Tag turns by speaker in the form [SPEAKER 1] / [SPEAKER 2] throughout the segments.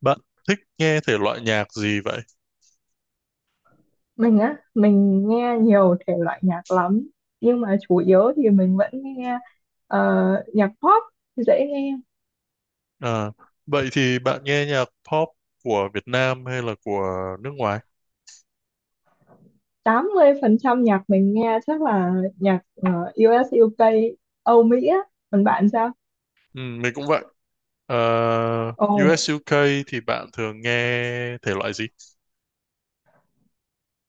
[SPEAKER 1] Bạn thích nghe thể loại nhạc gì vậy?
[SPEAKER 2] Mình á, mình nghe nhiều thể loại nhạc lắm, nhưng mà chủ yếu thì mình vẫn nghe ờ, nhạc pop dễ nghe.
[SPEAKER 1] À, vậy thì bạn nghe nhạc pop của Việt Nam hay là của nước ngoài?
[SPEAKER 2] 80% nhạc mình nghe chắc là nhạc US UK, Âu Mỹ á. Còn bạn sao?
[SPEAKER 1] Ừ, mình cũng vậy. Ờ,
[SPEAKER 2] Ồ,
[SPEAKER 1] US UK thì bạn thường nghe thể loại gì?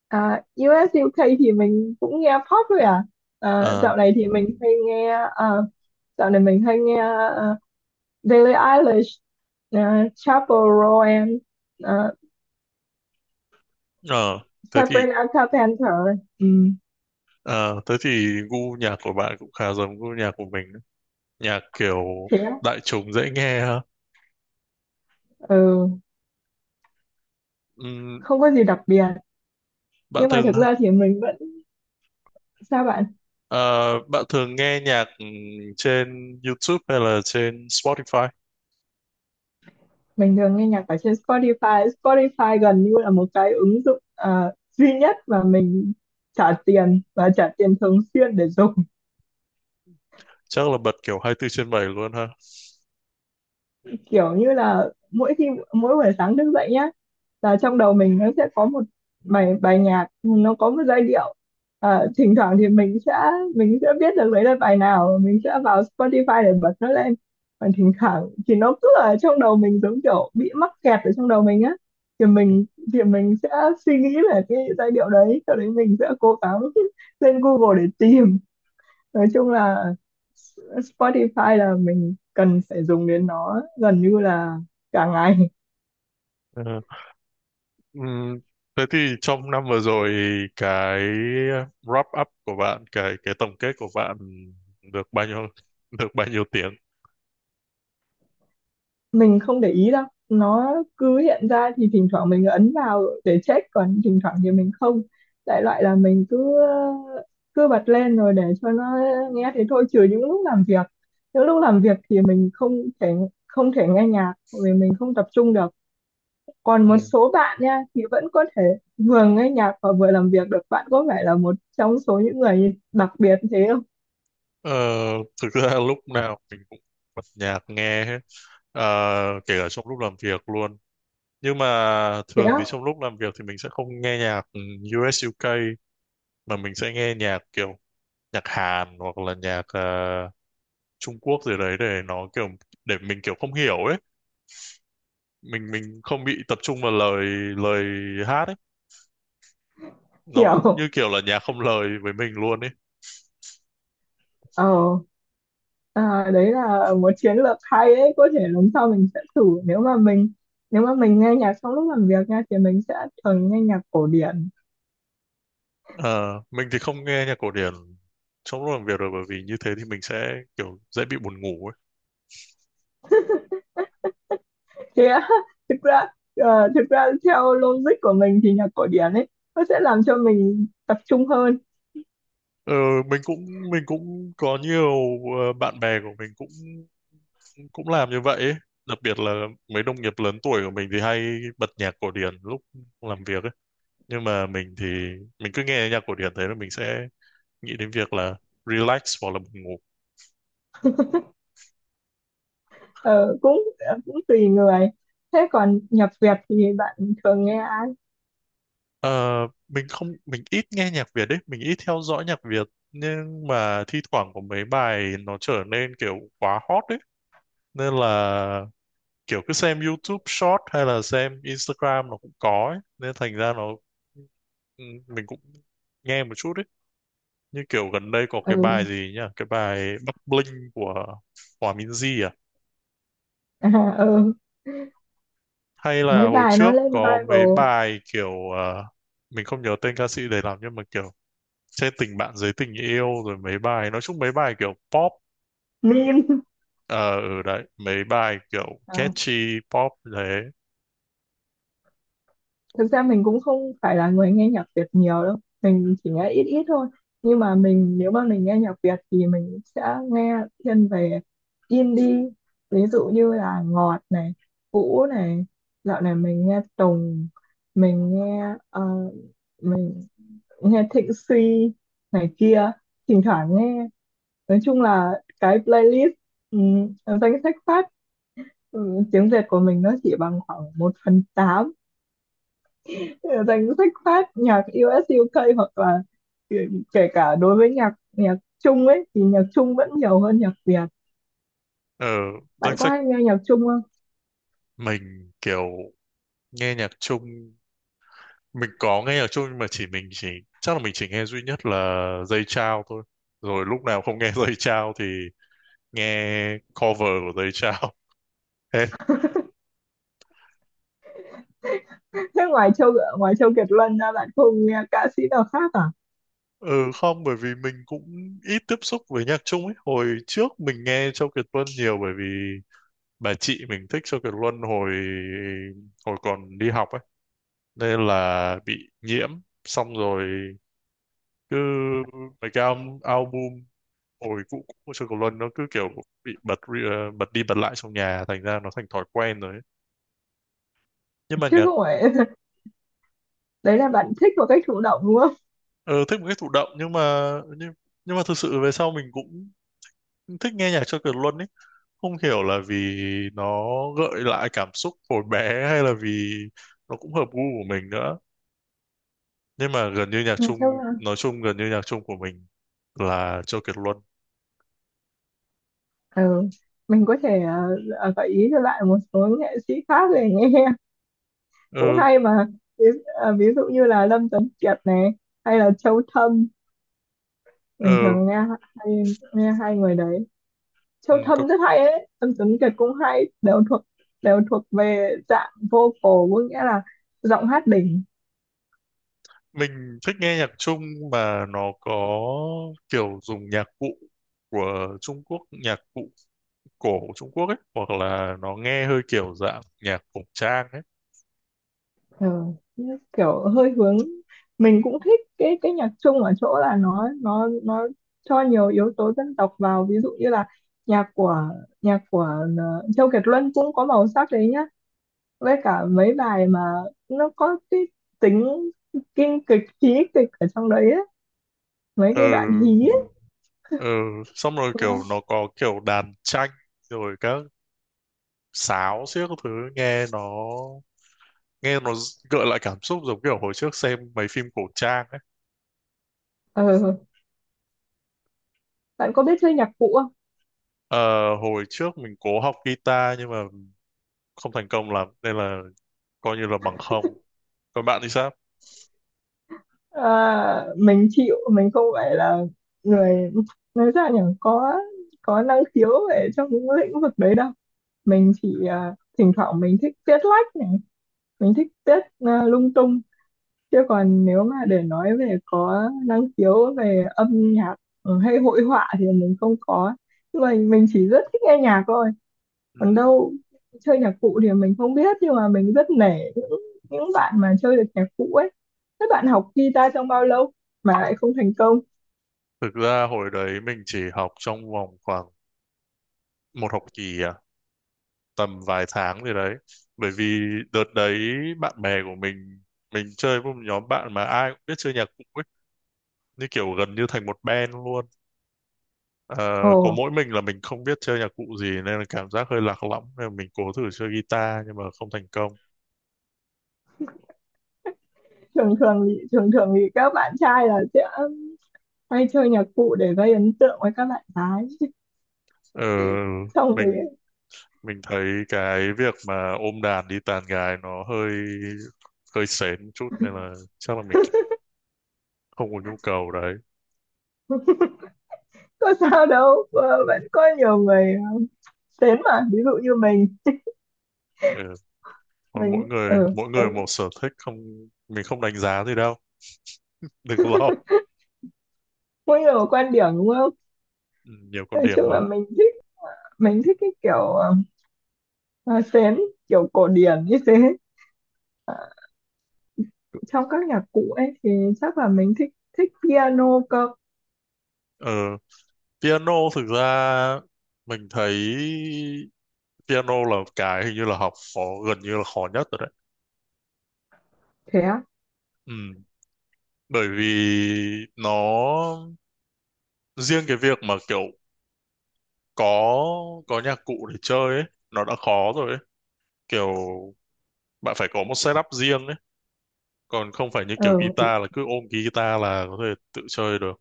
[SPEAKER 2] à, US UK thì mình cũng nghe pop thôi à. Ờ,
[SPEAKER 1] Ờ,
[SPEAKER 2] dạo này thì mình hay nghe ờ, dạo này mình hay nghe ờ, Billie Eilish, ờ, Chappell Roan, ờ,
[SPEAKER 1] ờ, thế thì
[SPEAKER 2] Sabrina Carpenter. Ừ,
[SPEAKER 1] ờ, thế thì gu nhạc của bạn cũng khá giống gu nhạc của mình. Nhạc kiểu
[SPEAKER 2] thế,
[SPEAKER 1] đại chúng dễ nghe ha.
[SPEAKER 2] ừ,
[SPEAKER 1] Ừ,
[SPEAKER 2] không có gì đặc biệt,
[SPEAKER 1] bạn
[SPEAKER 2] nhưng mà
[SPEAKER 1] thường
[SPEAKER 2] thực ra thì mình vẫn. Sao bạn
[SPEAKER 1] ờ, bạn thường nghe nhạc trên YouTube hay là trên Spotify?
[SPEAKER 2] Mình thường nghe nhạc ở trên Spotify. Spotify gần như là một cái ứng dụng duy nhất mà mình trả tiền, và trả tiền thường xuyên để dùng.
[SPEAKER 1] Chắc là bật kiểu 24 trên 7 luôn ha.
[SPEAKER 2] Kiểu như là mỗi khi mỗi buổi sáng thức dậy nhá, là trong đầu mình nó sẽ có một bài bài nhạc, nó có một giai điệu. À, thỉnh thoảng thì mình sẽ biết được đấy là bài nào, mình sẽ vào Spotify để bật nó lên. Còn thỉnh thoảng thì nó cứ ở trong đầu mình, giống kiểu bị mắc kẹt ở trong đầu mình á, thì mình sẽ suy nghĩ về cái giai điệu đấy, sau đấy mình sẽ cố gắng lên Google để tìm. Nói chung là Spotify là mình cần phải dùng đến nó gần như là cả ngày.
[SPEAKER 1] Ờ, ừm, thế thì trong năm vừa rồi cái wrap up của bạn, cái tổng kết của bạn được bao nhiêu được bao nhiêu tiếng?
[SPEAKER 2] Mình không để ý đâu, nó cứ hiện ra thì thỉnh thoảng mình ấn vào để check, còn thỉnh thoảng thì mình không. Đại loại là mình cứ cứ bật lên rồi để cho nó nghe thế thôi, trừ những lúc làm việc. Những lúc làm việc thì mình không thể nghe nhạc vì mình không tập trung được. Còn một
[SPEAKER 1] Ừ.
[SPEAKER 2] số bạn nha thì vẫn có thể vừa nghe nhạc và vừa làm việc được, bạn có phải là một trong số những người đặc biệt thế không?
[SPEAKER 1] Ờ, thực ra lúc nào mình cũng bật nhạc nghe hết, kể cả trong lúc làm việc luôn. Nhưng mà
[SPEAKER 2] Thế
[SPEAKER 1] thường thì
[SPEAKER 2] á?
[SPEAKER 1] trong lúc làm việc thì mình sẽ không nghe nhạc US UK, mà mình sẽ nghe nhạc kiểu nhạc Hàn hoặc là nhạc Trung Quốc gì đấy để mình kiểu không hiểu ấy. Mình không bị tập trung vào lời lời hát ấy. Nó cũng
[SPEAKER 2] Hiểu.
[SPEAKER 1] như kiểu là nhạc không lời với mình luôn ấy.
[SPEAKER 2] ờ À, đấy là một chiến lược hay đấy, có thể lần sau mình sẽ thử. Nếu mà mình, nếu mà mình nghe nhạc trong lúc làm việc nha, thì mình sẽ thường nghe nhạc cổ điển.
[SPEAKER 1] Ờ, mình thì không nghe nhạc cổ điển trong lúc làm việc rồi, bởi vì như thế thì mình sẽ kiểu dễ bị buồn ngủ ấy.
[SPEAKER 2] Thế á? Thực ra thực ra theo logic của mình thì nhạc cổ điển ấy, nó sẽ làm cho mình tập trung hơn.
[SPEAKER 1] Ờ, mình cũng có nhiều bạn bè của mình cũng cũng làm như vậy ấy. Đặc biệt là mấy đồng nghiệp lớn tuổi của mình thì hay bật nhạc cổ điển lúc làm việc ấy. Nhưng mà mình thì mình cứ nghe nhạc cổ điển, thế là mình sẽ nghĩ đến việc là relax hoặc là buồn ngủ.
[SPEAKER 2] Ờ, cũng cũng tùy người. Thế còn nhạc Việt thì bạn thường nghe?
[SPEAKER 1] Ờ, mình không mình ít nghe nhạc Việt đấy, mình ít theo dõi nhạc Việt. Nhưng mà thi thoảng có mấy bài nó trở nên kiểu quá hot đấy, nên là kiểu cứ xem YouTube Short hay là xem Instagram nó cũng có ấy. Nên thành ra nó, ừ, mình cũng nghe một chút đấy, như kiểu gần đây có cái bài
[SPEAKER 2] Ừ.
[SPEAKER 1] gì nhá, cái bài Bắc Bling của Hòa Minzy à,
[SPEAKER 2] À, ừ,
[SPEAKER 1] hay là
[SPEAKER 2] mấy
[SPEAKER 1] hồi
[SPEAKER 2] bài nó
[SPEAKER 1] trước
[SPEAKER 2] lên
[SPEAKER 1] có mấy
[SPEAKER 2] viral
[SPEAKER 1] bài kiểu mình không nhớ tên ca sĩ để làm, nhưng mà kiểu trên tình bạn dưới tình yêu, rồi mấy bài, nói chung mấy bài kiểu pop.
[SPEAKER 2] meme.
[SPEAKER 1] Đấy, mấy bài kiểu
[SPEAKER 2] À,
[SPEAKER 1] catchy pop thế.
[SPEAKER 2] thực ra mình cũng không phải là người nghe nhạc Việt nhiều đâu, mình chỉ nghe ít ít thôi. Nhưng mà mình, nếu mà mình nghe nhạc Việt thì mình sẽ nghe thiên về indie, ví dụ như là Ngọt này, Vũ này, dạo này mình nghe Tùng, mình nghe mình nghe Thịnh Suy này kia, thỉnh thoảng nghe. Nói chung là cái playlist, ừ, danh sách phát, ừ, tiếng Việt của mình nó chỉ bằng khoảng 1/8 danh sách phát nhạc US UK, hoặc là kể, kể cả đối với nhạc nhạc Trung ấy, thì nhạc Trung vẫn nhiều hơn nhạc Việt.
[SPEAKER 1] Ở danh
[SPEAKER 2] Bạn có
[SPEAKER 1] sách
[SPEAKER 2] hay nghe nhạc Trung không?
[SPEAKER 1] mình kiểu nghe nhạc chung, mình có nghe nhạc chung, nhưng mà chỉ mình chỉ chắc là mình chỉ nghe duy nhất là Dây Chao thôi, rồi lúc nào không nghe Dây Chao thì nghe cover của Dây Chao.
[SPEAKER 2] Thế ngoài Châu, ngoài Châu Kiệt Luân ra bạn không nghe ca sĩ nào khác à?
[SPEAKER 1] Ừ không, bởi vì mình cũng ít tiếp xúc với nhạc Trung ấy. Hồi trước mình nghe Châu Kiệt Luân nhiều, bởi vì bà chị mình thích Châu Kiệt Luân hồi hồi còn đi học ấy. Nên là bị nhiễm, xong rồi cứ mấy cái album hồi cũ cũ của Châu Kiệt Luân nó cứ kiểu bị bật bật đi bật lại trong nhà, thành ra nó thành thói quen rồi ấy. Nhưng mà
[SPEAKER 2] Chứ
[SPEAKER 1] nhạc,
[SPEAKER 2] không phải đấy là bạn thích một cách chủ động đúng không?
[SPEAKER 1] ờ, thích một cái thụ động, nhưng, nhưng mà thực sự về sau mình cũng thích nghe nhạc Châu Kiệt Luân ấy. Không hiểu là vì nó gợi lại cảm xúc hồi bé hay là vì nó cũng hợp gu của mình nữa. Nhưng mà gần như nhạc
[SPEAKER 2] Nhạc
[SPEAKER 1] Trung,
[SPEAKER 2] Trung à?
[SPEAKER 1] nói chung gần như nhạc Trung của mình là Châu Kiệt Luân.
[SPEAKER 2] Ừ. Mình có thể gợi ý cho bạn một số nghệ sĩ khác để nghe
[SPEAKER 1] ờ,
[SPEAKER 2] cũng hay mà. Ví dụ như là Lâm Tuấn Kiệt này, hay là Châu Thâm,
[SPEAKER 1] ờ,
[SPEAKER 2] bình thường nghe, hay nghe hai người đấy.
[SPEAKER 1] ừ,
[SPEAKER 2] Châu
[SPEAKER 1] có,
[SPEAKER 2] Thâm rất hay ấy, Tâm Tuấn Kiệt cũng hay, đều thuộc, đều thuộc về dạng vocal, có nghĩa là giọng hát đỉnh.
[SPEAKER 1] mình thích nghe nhạc Trung mà nó có kiểu dùng nhạc cụ của Trung Quốc, nhạc cụ cổ Trung Quốc ấy, hoặc là nó nghe hơi kiểu dạng nhạc cổ trang ấy.
[SPEAKER 2] Ờ, kiểu hơi hướng. Mình cũng thích cái nhạc Trung ở chỗ là nó cho nhiều yếu tố dân tộc vào, ví dụ như là nhạc của nhạc của Châu Kiệt Luân cũng có màu sắc đấy nhá, với cả mấy bài mà nó có cái tính kinh kịch, trí kịch ở trong đấy ấy, mấy cái đoạn
[SPEAKER 1] Ừ,
[SPEAKER 2] hí.
[SPEAKER 1] ừ, xong rồi
[SPEAKER 2] Đúng á.
[SPEAKER 1] kiểu nó có kiểu đàn tranh rồi các sáo xiếc các thứ, nghe nó nghe nó gợi lại cảm xúc giống kiểu hồi trước xem mấy phim cổ trang ấy.
[SPEAKER 2] Ờ, bạn có biết chơi nhạc cụ không?
[SPEAKER 1] Ờ, hồi trước mình cố học guitar nhưng mà không thành công lắm, nên là coi như là bằng không. Còn bạn thì sao?
[SPEAKER 2] À, mình chịu, mình không phải là người, nói ra nhỉ, có năng khiếu về trong những lĩnh vực đấy đâu. Mình chỉ à, thỉnh thoảng mình thích viết lách này, mình thích viết à, lung tung. Chứ còn nếu mà để nói về có năng khiếu về âm nhạc, ừ, hay hội họa thì mình không có. Nhưng mà mình chỉ rất thích nghe nhạc thôi.
[SPEAKER 1] Ừ.
[SPEAKER 2] Còn đâu chơi nhạc cụ thì mình không biết, nhưng mà mình rất nể những bạn mà chơi được nhạc cụ ấy. Các bạn học guitar trong bao lâu mà lại không thành công?
[SPEAKER 1] Thực ra hồi đấy mình chỉ học trong vòng khoảng một học kỳ à, tầm vài tháng gì đấy, bởi vì đợt đấy bạn bè của mình chơi với một nhóm bạn mà ai cũng biết chơi nhạc cụ ấy, như kiểu gần như thành một band luôn. Ờ,
[SPEAKER 2] Ồ,
[SPEAKER 1] có mỗi mình là mình không biết chơi nhạc cụ gì nên là cảm giác hơi lạc lõng, nên là mình cố thử chơi guitar nhưng mà không thành công.
[SPEAKER 2] thường thường thì các bạn trai là sẽ hay chơi nhạc cụ để gây ấn tượng với các bạn gái,
[SPEAKER 1] Ờ,
[SPEAKER 2] xong rồi.
[SPEAKER 1] mình mình thấy cái việc mà ôm đàn đi tàn gái nó hơi hơi sến một chút, nên là chắc là mình cũng không có nhu cầu đấy.
[SPEAKER 2] Có sao đâu, ờ, vẫn có nhiều người đến mà, ví dụ như mình
[SPEAKER 1] Ừ. Thôi, mỗi
[SPEAKER 2] mình
[SPEAKER 1] người
[SPEAKER 2] ừ,
[SPEAKER 1] mỗi người
[SPEAKER 2] mình
[SPEAKER 1] một sở thích, không mình không đánh giá gì đâu đừng lo.
[SPEAKER 2] có nhiều quan điểm đúng không?
[SPEAKER 1] Ừ, nhiều con
[SPEAKER 2] Nói
[SPEAKER 1] điểm
[SPEAKER 2] chung là
[SPEAKER 1] mà.
[SPEAKER 2] mình thích cái kiểu, sến, kiểu cổ điển như thế. Trong các nhạc cụ ấy thì chắc là mình thích, thích piano cơ.
[SPEAKER 1] ờ, Piano thực ra mình thấy piano là cái hình như là học khó, gần như là khó nhất rồi đấy.
[SPEAKER 2] Thế á?
[SPEAKER 1] Ừ. Bởi vì nó, riêng cái việc mà kiểu có có nhạc cụ để chơi ấy nó đã khó rồi ấy, kiểu bạn phải có một setup riêng ấy, còn không phải như kiểu
[SPEAKER 2] Ờ,
[SPEAKER 1] guitar là cứ ôm cái guitar là có thể tự chơi được.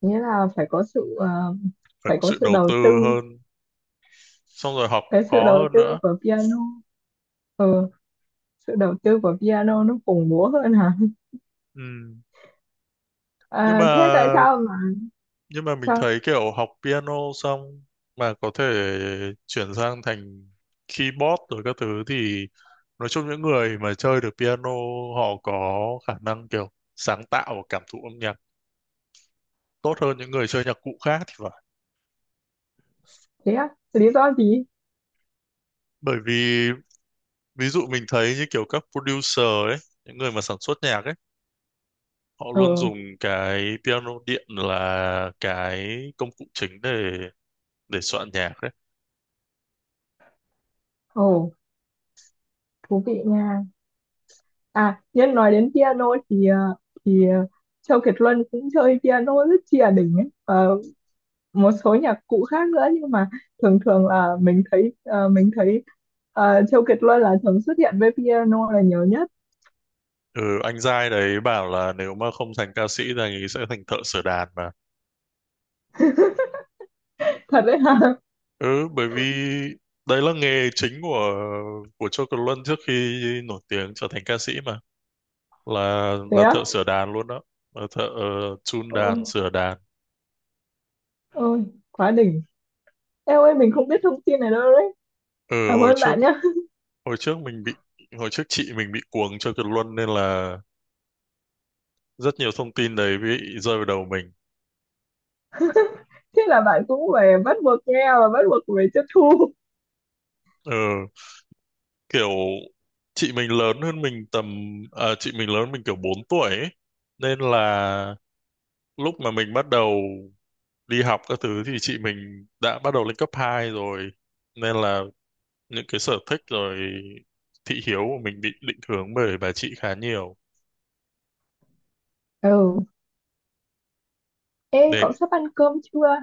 [SPEAKER 2] nghĩa là phải có sự
[SPEAKER 1] Phải
[SPEAKER 2] phải
[SPEAKER 1] có
[SPEAKER 2] có
[SPEAKER 1] sự
[SPEAKER 2] sự
[SPEAKER 1] đầu
[SPEAKER 2] đầu
[SPEAKER 1] tư
[SPEAKER 2] tư.
[SPEAKER 1] hơn, xong rồi học cũng
[SPEAKER 2] Cái sự
[SPEAKER 1] khó
[SPEAKER 2] đầu
[SPEAKER 1] hơn
[SPEAKER 2] tư
[SPEAKER 1] nữa.
[SPEAKER 2] của piano, ờ, sự đầu tư của piano nó khủng bố hơn hả?
[SPEAKER 1] Ừ. nhưng
[SPEAKER 2] À,
[SPEAKER 1] mà
[SPEAKER 2] thế tại sao mà
[SPEAKER 1] nhưng mà mình thấy
[SPEAKER 2] sao?
[SPEAKER 1] kiểu học piano xong mà có thể chuyển sang thành keyboard rồi các thứ, thì nói chung những người mà chơi được piano họ có khả năng kiểu sáng tạo và cảm thụ âm nhạc tốt hơn những người chơi nhạc cụ khác thì phải.
[SPEAKER 2] Thế á? Lý do gì?
[SPEAKER 1] Bởi vì ví dụ mình thấy như kiểu các producer ấy, những người mà sản xuất nhạc ấy, họ
[SPEAKER 2] Ờ.
[SPEAKER 1] luôn dùng cái piano điện là cái công cụ chính để soạn nhạc ấy.
[SPEAKER 2] Ồ, thú vị nha. À nhân nói đến piano thì thì ờ, Châu Kiệt Luân cũng chơi piano rất chìa đỉnh ấy. Ờ, một số nhạc cụ khác nữa, nhưng mà thường thường là mình thấy Châu Kiệt Luân là thường xuất hiện với piano là nhiều nhất.
[SPEAKER 1] Ừ, anh giai đấy bảo là nếu mà không thành ca sĩ thì anh ấy sẽ thành thợ sửa đàn mà.
[SPEAKER 2] Thật đấy hả?
[SPEAKER 1] Ừ, bởi vì đấy là nghề chính của Châu Kiệt Luân trước khi nổi tiếng trở thành ca sĩ mà, là
[SPEAKER 2] Thế
[SPEAKER 1] là thợ
[SPEAKER 2] á?
[SPEAKER 1] sửa đàn luôn đó, là thợ chun
[SPEAKER 2] Ôi,
[SPEAKER 1] đàn sửa đàn.
[SPEAKER 2] ôi, quá đỉnh! Em ơi mình không biết thông tin này đâu đấy,
[SPEAKER 1] Ừ,
[SPEAKER 2] cảm ơn bạn nhé
[SPEAKER 1] hồi trước mình bị hồi trước chị mình bị cuồng Châu Kiệt Luân nên là rất nhiều thông tin đấy bị rơi vào đầu mình.
[SPEAKER 2] thế là bạn cũng phải bắt buộc nghe và bắt buộc phải tiếp thu.
[SPEAKER 1] Ừ, kiểu chị mình lớn hơn mình tầm, à, chị mình lớn mình kiểu 4 tuổi ấy. Nên là lúc mà mình bắt đầu đi học các thứ thì chị mình đã bắt đầu lên cấp 2 rồi. Nên là những cái sở thích rồi thị hiếu của mình bị định hướng bởi bà chị khá nhiều.
[SPEAKER 2] Ừ. Ê,
[SPEAKER 1] Nên
[SPEAKER 2] cậu sắp ăn cơm chưa?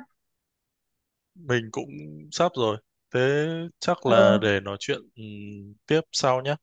[SPEAKER 1] mình cũng sắp rồi. Thế chắc
[SPEAKER 2] Ờ.
[SPEAKER 1] là để nói chuyện tiếp sau nhé.